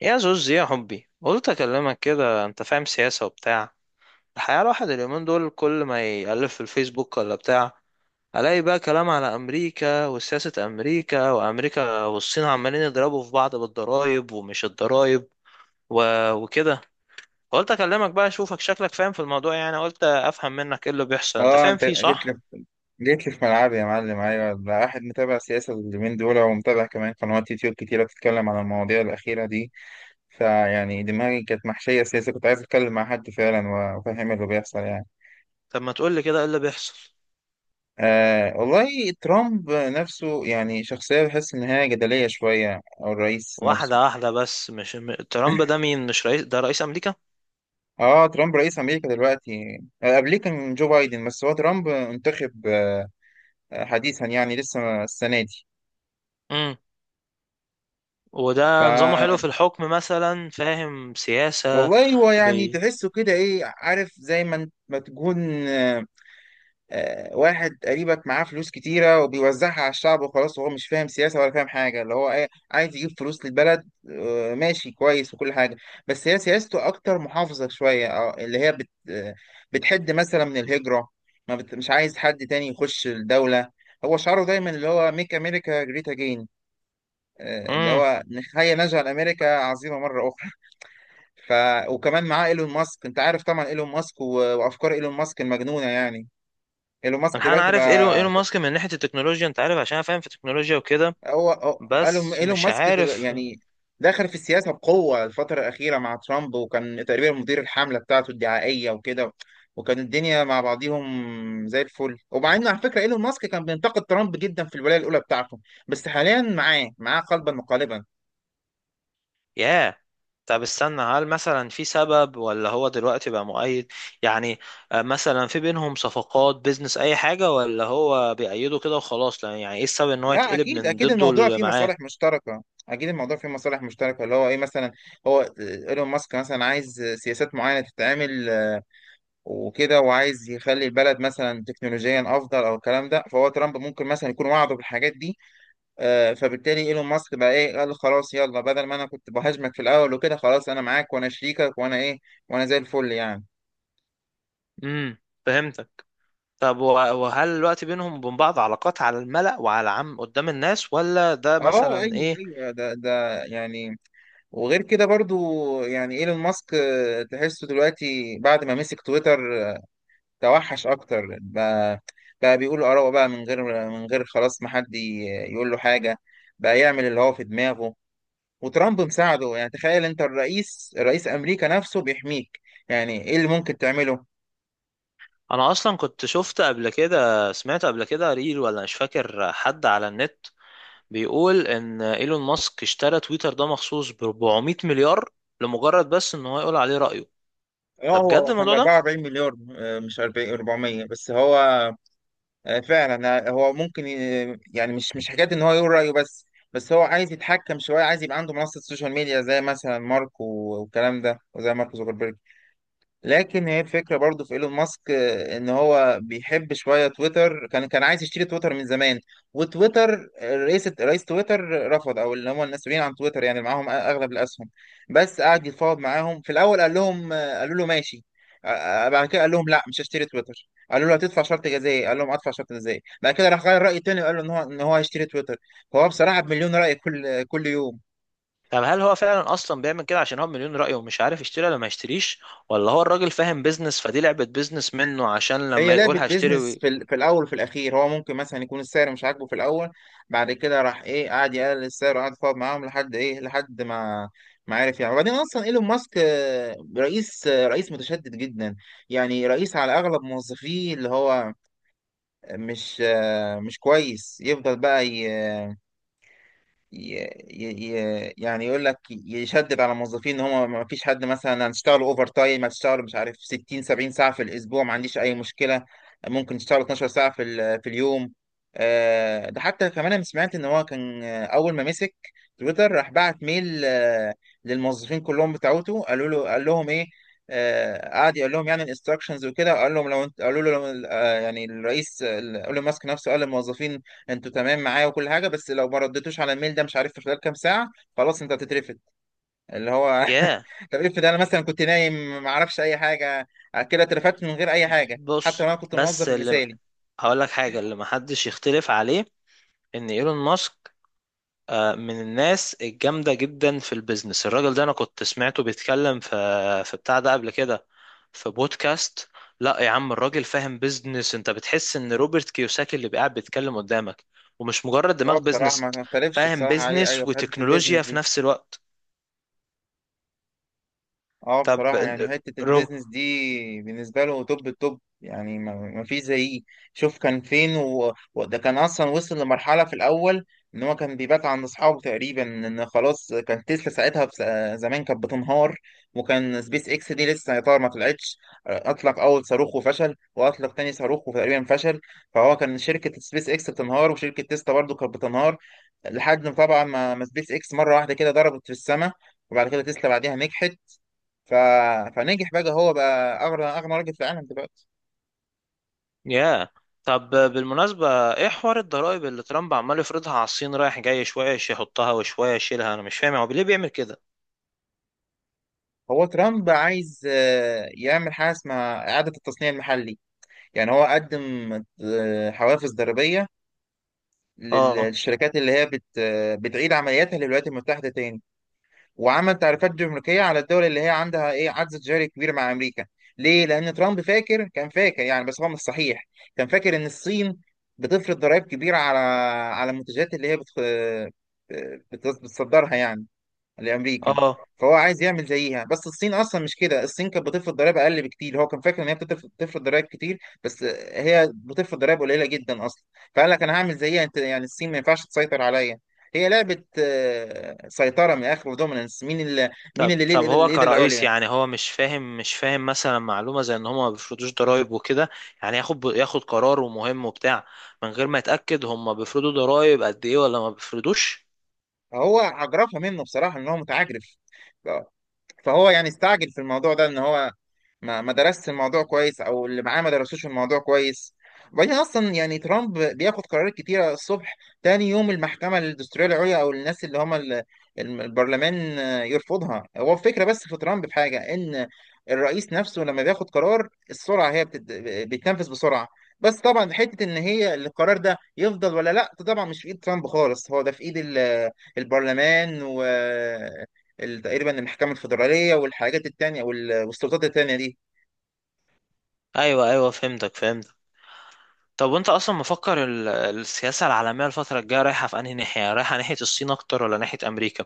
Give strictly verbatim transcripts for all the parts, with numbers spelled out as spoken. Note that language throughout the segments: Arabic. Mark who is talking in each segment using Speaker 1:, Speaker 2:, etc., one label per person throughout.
Speaker 1: يا زوز، يا حبي، قلت اكلمك كده. انت فاهم سياسة وبتاع. الحقيقة الواحد اليومين دول كل ما يألف في الفيسبوك ولا بتاع، الاقي بقى كلام على امريكا وسياسة امريكا، وامريكا والصين عمالين يضربوا في بعض بالضرايب ومش الضرايب و... وكده. قلت اكلمك بقى اشوفك شكلك فاهم في الموضوع، يعني قلت افهم منك ايه اللي بيحصل. انت
Speaker 2: اه،
Speaker 1: فاهم
Speaker 2: انت
Speaker 1: فيه،
Speaker 2: جيت لي
Speaker 1: صح؟
Speaker 2: جيت لي في ملعبي يا معلم. ايوه، ده واحد متابع سياسه اليومين دول ومتابع كمان قنوات يوتيوب كتيره بتتكلم عن المواضيع الاخيره دي. فيعني دماغي كانت محشيه سياسه. كنت عايز اتكلم مع حد فعلا وافهم اللي بيحصل يعني.
Speaker 1: طب ما تقول لي كده، ايه اللي بيحصل؟
Speaker 2: آه، والله ترامب نفسه يعني شخصيه بحس ان هي جدليه شويه، او الرئيس نفسه.
Speaker 1: واحدة واحدة بس. مش م- ترامب ده مين؟ مش رئيس؟ ده رئيس امريكا.
Speaker 2: اه، ترامب رئيس امريكا دلوقتي. آه، قبليه كان جو بايدن. بس هو ترامب انتخب آه، حديثا يعني لسه السنه دي. ف
Speaker 1: وده نظامه حلو في الحكم مثلا؟ فاهم سياسة؟
Speaker 2: والله هو يعني
Speaker 1: بي
Speaker 2: تحسه كده ايه عارف زي ما انت- ما تكون. آه، آه، واحد قريبك معاه فلوس كتيرة وبيوزعها على الشعب وخلاص، وهو مش فاهم سياسة ولا فاهم حاجة اللي هو ايه عايز يجيب فلوس للبلد. آه، ماشي كويس وكل حاجة. بس هي سياسته أكتر محافظة شوية. اه، اللي هي بت آه، بتحد مثلا من الهجرة. ما بت مش عايز حد تاني يخش الدولة. هو شعاره دايما اللي هو ميك أمريكا جريت أجين، اللي
Speaker 1: امم
Speaker 2: هو نحيي نجعل أمريكا عظيمة مرة أخرى. ف وكمان معاه ايلون ماسك. انت عارف طبعا ايلون ماسك و... وافكار ايلون ماسك المجنونه يعني. ايلون ماسك
Speaker 1: انا أنا
Speaker 2: دلوقتي
Speaker 1: عارف ايلون
Speaker 2: بقى
Speaker 1: ايلون ماسك من ناحية التكنولوجيا، انت عارف، عشان أنا فاهم في التكنولوجيا وكده.
Speaker 2: هو هو- ايلون
Speaker 1: بس
Speaker 2: إيلون
Speaker 1: مش
Speaker 2: ماسك دل...
Speaker 1: عارف.
Speaker 2: يعني دخل في السياسه بقوه الفتره الاخيره مع ترامب، وكان تقريبا مدير الحمله بتاعته الدعائيه وكده. وكان الدنيا مع بعضيهم زي الفل. ومع ان على فكره ايلون ماسك كان بينتقد ترامب جدا في الولايه الاولى بتاعته، بس حاليا معاه معاه قلبا وقالبا.
Speaker 1: ياه. طب استنى، هل مثلا في سبب، ولا هو دلوقتي بقى مؤيد يعني؟ آه، مثلا في بينهم صفقات بيزنس، اي حاجة، ولا هو بيأيده كده وخلاص؟ لا، يعني ايه السبب ان هو
Speaker 2: لا،
Speaker 1: يتقلب
Speaker 2: اكيد
Speaker 1: من
Speaker 2: اكيد
Speaker 1: ضده
Speaker 2: الموضوع
Speaker 1: اللي
Speaker 2: فيه
Speaker 1: معاه؟
Speaker 2: مصالح مشتركه. اكيد الموضوع فيه مصالح مشتركه، اللي هو ايه مثلا. هو ايلون ماسك مثلا عايز سياسات معينه تتعمل. آه، وكده، وعايز يخلي البلد مثلا تكنولوجيا افضل او الكلام ده. فهو ترامب ممكن مثلا يكون وعده بالحاجات دي. آه، فبالتالي ايلون ماسك بقى ايه قال خلاص يلا، بدل ما انا كنت بهاجمك في الاول وكده، خلاص انا معاك وانا شريكك وانا ايه، وانا زي الفل يعني.
Speaker 1: امم فهمتك. طب وه- وهل الوقت بينهم وبين بعض علاقات على الملأ وعلى عام قدام الناس، ولا ده
Speaker 2: اه،
Speaker 1: مثلا
Speaker 2: ايوه
Speaker 1: ايه؟
Speaker 2: ايوه ده ده يعني. وغير كده برضو. يعني ايلون ماسك آه، تحسه دلوقتي بعد ما مسك تويتر. آه، توحش اكتر بقى. بقى بيقول اراءه بقى من غير من غير خلاص، ما حد ي- يقول له حاجه. بقى يعمل اللي هو في دماغه. وترامب مساعده. يعني تخيل انت الرئيس رئيس امريكا نفسه بيحميك، يعني ايه اللي ممكن تعمله.
Speaker 1: انا اصلا كنت شفت قبل كده، سمعت قبل كده ريل ولا مش فاكر، حد على النت بيقول ان ايلون ماسك اشترى تويتر ده مخصوص ب 400 مليار لمجرد بس ان هو يقول عليه رأيه. ده
Speaker 2: اه،
Speaker 1: بجد
Speaker 2: هو كان ب
Speaker 1: الموضوع ده؟
Speaker 2: 44 مليار. آه، مش أربعين أربعمية بس هو. آه، فعلا. آه، هو ممكن ي- يعني مش مش حكايه ان هو يقول رايه بس. بس هو عايز يتحكم شويه، عايز يبقى عنده منصه سوشيال ميديا زي مثلا مارك و- والكلام ده، وزي مارك زوكربيرج. لكن هي الفكرة برضو في ايلون ماسك، آه، ان هو بيحب شوية تويتر، كان كان عايز يشتري تويتر من زمان. وتويتر آه، رئيس رئيس تويتر رفض، او اللي هم المسؤولين عن تويتر يعني اللي معاهم اغلب الاسهم. بس قعد يتفاوض معاهم في الاول، قال لهم آه، قالوا له ماشي. آه، آه، بعد كده قال لهم لا، مش هشتري تويتر. قالوا له هتدفع شرط جزائي. قال لهم ادفع شرط جزائي. بعد كده راح غير رأي تاني وقال له ان هو ان هو هيشتري تويتر. هو بصراحة بمليون رأي كل كل يوم.
Speaker 1: طب هل هو فعلا اصلا بيعمل كده عشان هو مليون رأيه ومش عارف يشتري ولا ما يشتريش، ولا هو الراجل فاهم بيزنس، فدي لعبة بيزنس منه عشان
Speaker 2: هي
Speaker 1: لما يقول
Speaker 2: لعبة
Speaker 1: هشتري
Speaker 2: بيزنس
Speaker 1: وي-
Speaker 2: في, ال- في الأول وفي الأخير. هو ممكن مثلا يكون السعر مش عاجبه في الأول، بعد كده راح إيه قعد يقلل السعر وقعد يتفاوض معاهم لحد إيه لحد ما ما عرف يعني. وبعدين أصلا إيلون ماسك آه، رئيس آه، رئيس متشدد جدا. يعني رئيس على أغلب موظفيه اللي هو مش آه، مش كويس يفضل بقى. ي... ي... ي- يعني يقول لك يشدد على الموظفين ان هم ما فيش حد، مثلا هنشتغلوا اوفر تايم، هتشتغلوا مش عارف ستين سبعين ساعه في الاسبوع، ما عنديش اي مشكله. ممكن تشتغلوا 12 ساعه في ال... في اليوم. آه، ده حتى كمان انا سمعت ان هو كان آه، اول ما مسك تويتر راح بعت ميل. آه، للموظفين كلهم بتاعته، قالوا له قال لهم ايه. آه، قعد يقول لهم يعني الانستراكشنز وكده. قال لهم لو انت قالوا له لو- آه، يعني الرئيس، آه، قال له ماسك نفسه قال للموظفين انتوا تمام معايا وكل حاجه، بس لو ما ردتوش على الميل ده مش عارف في خلال كام ساعه، خلاص انت هتترفد. اللي هو
Speaker 1: ياه؟
Speaker 2: طب افرض انا مثلا كنت نايم، ما اعرفش اي حاجه، كده اترفدت من غير اي حاجه حتى
Speaker 1: بص،
Speaker 2: لو انا كنت
Speaker 1: بس
Speaker 2: الموظف
Speaker 1: اللي
Speaker 2: المثالي.
Speaker 1: هقول لك حاجة اللي محدش يختلف عليه ان ايلون ماسك آه، من الناس الجامدة جدا في البيزنس. الراجل ده انا كنت سمعته بيتكلم في في بتاع ده قبل كده، في بودكاست. لا يا عم، الراجل فاهم بيزنس. انت بتحس ان روبرت كيوساكي اللي قاعد بيتكلم قدامك، ومش مجرد
Speaker 2: اه،
Speaker 1: دماغ
Speaker 2: بصراحه ما
Speaker 1: بيزنس.
Speaker 2: ما اختلفش
Speaker 1: فاهم
Speaker 2: بصراحه عليه.
Speaker 1: بيزنس
Speaker 2: ايوه، في حته البيزنس
Speaker 1: وتكنولوجيا في
Speaker 2: دي.
Speaker 1: نفس الوقت.
Speaker 2: اه،
Speaker 1: طب،
Speaker 2: بصراحة يعني حتة البيزنس دي بالنسبة له توب التوب يعني، ما ما فيش زيه. شوف كان فين. و... وده كان أصلا وصل لمرحلة في الأول إن هو كان بيبات عند أصحابه تقريبا، إن خلاص كان تسلا ساعتها بس... زمان كانت بتنهار. وكان سبيس إكس دي لسه يا ترى ما طلعتش. أطلق أول صاروخ وفشل، وأطلق تاني صاروخ وتقريبا فشل. فهو كان شركة سبيس إكس بتنهار وشركة تسلا برضه كانت بتنهار، لحد ما طبعا ما ما سبيس إكس مرة واحدة كده ضربت في السماء. وبعد كده تسلا بعديها نجحت. ف... فنجح بقى. هو بقى اغنى اغنى راجل في العالم دلوقتي.
Speaker 1: ياه، طب بالمناسبة، ايه حوار الضرائب اللي ترامب عمال يفرضها على الصين، رايح جاي شوية يحطها وشوية يشيلها؟ انا مش فاهم هو ليه بيعمل كده.
Speaker 2: هو ترامب عايز آه، يعمل حاجه اسمها اعاده التصنيع المحلي. يعني هو قدم آه، حوافز ضريبيه لل-
Speaker 1: اه.
Speaker 2: للشركات اللي هي بت... آه، بتعيد عملياتها للولايات المتحده تاني. وعمل تعريفات جمركيه على الدول اللي هي عندها ايه عجز تجاري كبير مع امريكا. ليه؟ لان ترامب فاكر كان فاكر يعني، بس هو مش صحيح. كان فاكر ان الصين بتفرض ضرائب كبيره على على المنتجات اللي هي بت... آه، بت- بتصدرها يعني لامريكا.
Speaker 1: اه.
Speaker 2: فهو عايز يعمل زيها، بس الصين اصلا مش كده. الصين كانت بتفرض ضرائب اقل بكتير. هو كان فاكر ان هي بتف- بتفرض ضرائب كتير. بس هي بتفرض ضرائب قليله جدا اصلا. فقال لك انا هعمل زيها انت، يعني الصين ما ينفعش تسيطر عليا. هي لعبه آه، سيطره من الاخر ودوميننس، مين اللي مين
Speaker 1: طب.
Speaker 2: اللي ليه
Speaker 1: طب
Speaker 2: الايد
Speaker 1: هو
Speaker 2: الإيد
Speaker 1: كرئيس،
Speaker 2: العليا.
Speaker 1: يعني هو مش فاهم، مش فاهم مثلا معلومة زي ان هم ما بيفرضوش ضرائب وكده، يعني ياخد ياخد قرار ومهم وبتاع من غير ما يتأكد هم بيفرضوا ضرائب قد ايه ولا ما بيفرضوش؟
Speaker 2: فهو عجرفها منه بصراحه، ان هو متعجرف. فهو يعني استعجل في الموضوع ده، ان هو ما ما درسش الموضوع كويس، او اللي معاه ما درسوش الموضوع كويس. وبعدين اصلا يعني ترامب بياخد قرارات كتيره الصبح، تاني يوم المحكمه الدستوريه العليا او الناس اللي هم ال- الم- البرلمان آه، يرفضها. هو الفكره بس في ترامب في حاجه ان الرئيس نفسه لما بياخد قرار السرعه هي بتد... بيتنفذ بسرعه. بس طبعا حته ان هي القرار ده يفضل ولا لا، ده طبعا مش في ايد ترامب خالص، هو ده في ايد ال- البرلمان، ال- تقريبا المحكمة الفيدرالية والحاجات التانية، وال- والسلطات التانية دي.
Speaker 1: ايوه، ايوه، فهمتك، فهمتك. طب وانت اصلا مفكر ال- السياسة العالمية الفترة الجاية رايحة في انهي ناحية، رايحة ناحية الصين اكتر ولا ناحية امريكا؟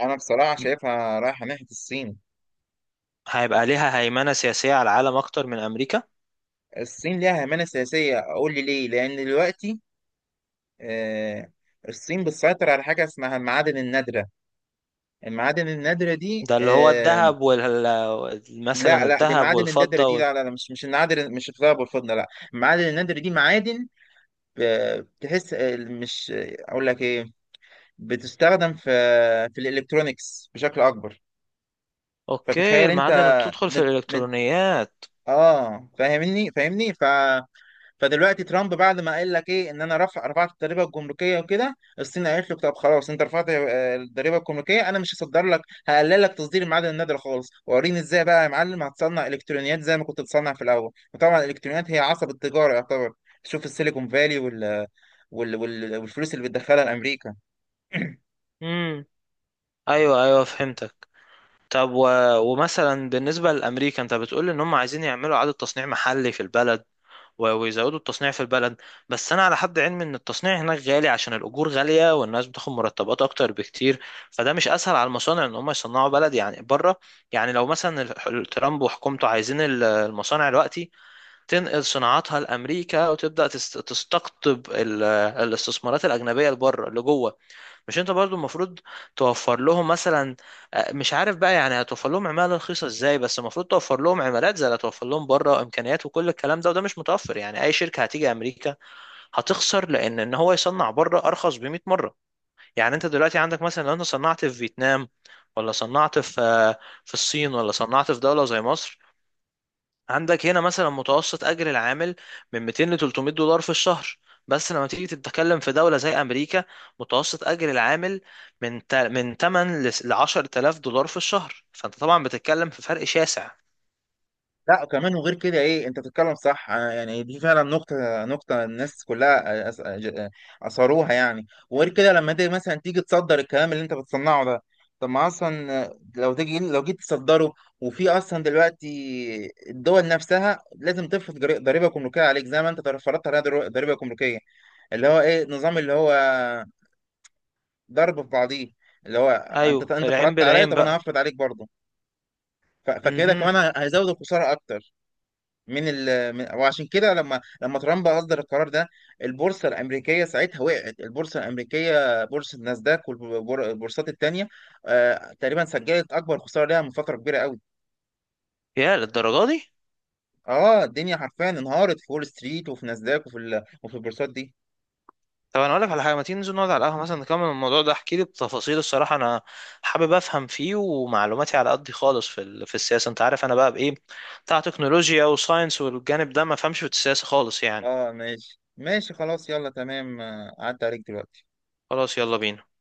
Speaker 2: أنا بصراحة شايفها رايحة ناحية الصين.
Speaker 1: هيبقى ليها هيمنة سياسية على العالم أكتر من أمريكا؟
Speaker 2: الصين ليها همانة سياسية. أقول لي ليه؟ لأن دلوقتي آه، الصين بتسيطر على حاجة اسمها المعادن النادرة. المعادن النادرة دي.
Speaker 1: ده اللي هو
Speaker 2: آه،
Speaker 1: الذهب، وال
Speaker 2: لا
Speaker 1: مثلا
Speaker 2: لا، دي
Speaker 1: الذهب
Speaker 2: المعادن النادرة
Speaker 1: والفضة
Speaker 2: دي.
Speaker 1: وال...
Speaker 2: لا لا لا، مش مش النادر، مش الذهب والفضة، لا. المعادن النادرة دي معادن آه، بتحس آه، مش آه، أقول لك إيه، بتستخدم في في الإلكترونيكس بشكل أكبر.
Speaker 1: أوكي،
Speaker 2: فتخيل أنت
Speaker 1: المعادن بتدخل في
Speaker 2: من
Speaker 1: الإلكترونيات.
Speaker 2: اه، فاهمني فاهمني. ف... فدلوقتي ترامب بعد ما قال لك ايه ان انا رفع رفعت الضريبه الجمركيه وكده، الصين قالت له طب خلاص انت رفعت آه، الضريبه الجمركيه، انا مش هصدر لك. هقلل لك تصدير المعادن النادره خالص. وريني ازاي بقى يا معلم هتصنع الكترونيات زي ما كنت بتصنع في الاول، وطبعا الالكترونيات هي عصب التجاره يعتبر. شوف السيليكون فالي وال... وال... وال... والفلوس اللي بتدخلها لامريكا.
Speaker 1: امم أيوه، أيوه، فهمتك. طب و... ومثلا بالنسبة لأمريكا، أنت بتقول إن هم عايزين يعملوا إعادة تصنيع محلي في البلد، و- ويزودوا التصنيع في البلد. بس انا على حد علمي ان التصنيع هناك غالي عشان الاجور غاليه والناس بتاخد مرتبات اكتر بكتير. فده مش اسهل على المصانع ان هم يصنعوا بلد يعني بره؟ يعني لو مثلا ال- ال- ترامب وحكومته عايزين ال- المصانع دلوقتي تنقل صناعاتها لامريكا وتبدا تست- تستقطب ال- الاستثمارات الاجنبيه لبره لجوه، مش انت برضو المفروض توفر لهم مثلا، آه، مش عارف بقى، يعني هتوفر لهم عمالة رخيصة ازاي؟ بس المفروض توفر لهم عمالات زي اللي هتوفر لهم بره، امكانيات وكل الكلام ده، وده مش متوفر. يعني اي شركة هتيجي امريكا هتخسر، لان ان هو يصنع بره ارخص ب 100 مرة. يعني انت دلوقتي عندك مثلا، لو انت صنعت في فيتنام، ولا صنعت في آه، في الصين، ولا صنعت في دولة زي مصر، عندك هنا مثلا متوسط اجر العامل من ميتين ل تلتمية دولار في الشهر. بس لما تيجي تتكلم في دولة زي امريكا، متوسط اجر العامل من تا- من تمنية ل عشرة آلاف دولار في الشهر. فانت طبعا بتتكلم في فرق شاسع.
Speaker 2: لا، وكمان وغير كده ايه انت بتتكلم صح. أنا يعني دي فعلا نقطة نقطة الناس كلها آه، أس- آه، ج- اثروها يعني. وغير كده لما انت مثلا تيجي تصدر الكلام اللي انت بتصنعه ده، طب ما اصلا آه، لو تيجي لو جيت تصدره، وفي اصلا دلوقتي الدول نفسها لازم تفرض جري- ضريبة جمركية عليك زي ما انت فرضت عليها در- ضريبة جمركية. اللي هو ايه نظام اللي هو ضرب في بعضيه، اللي هو انت
Speaker 1: ايوه،
Speaker 2: انت
Speaker 1: العين
Speaker 2: فرضت عليا،
Speaker 1: بالعين
Speaker 2: طب انا
Speaker 1: بقى.
Speaker 2: هفرض عليك برضه. ف- فكده
Speaker 1: امم
Speaker 2: كمان هيزود الخسارة اكتر. من ال من وعشان كده لما لما ترامب اصدر القرار ده البورصه الامريكيه ساعتها وقعت. البورصه الامريكيه، بورصه ناسداك والبورصات التانيه آه تقريبا سجلت اكبر خساره ليها من فتره كبيره قوي.
Speaker 1: يا للدرجة دي.
Speaker 2: اه، الدنيا حرفيا انهارت في وول ستريت وفي ناسداك وفي ال... وفي البورصات دي.
Speaker 1: طب انا اقول لك على حاجة، ما تيجي ننزل نقعد على القهوة مثلا نكمل الموضوع ده، احكي لي بتفاصيل. الصراحة انا حابب افهم فيه ومعلوماتي على قدي خالص في ال- في السياسة. انت عارف انا بقى بايه، بتاع تكنولوجيا وساينس، والجانب ده ما فهمش في السياسة خالص يعني.
Speaker 2: اه، ماشي ماشي، خلاص يلا تمام. آه، عدى عليك دلوقتي.
Speaker 1: خلاص يلا بينا.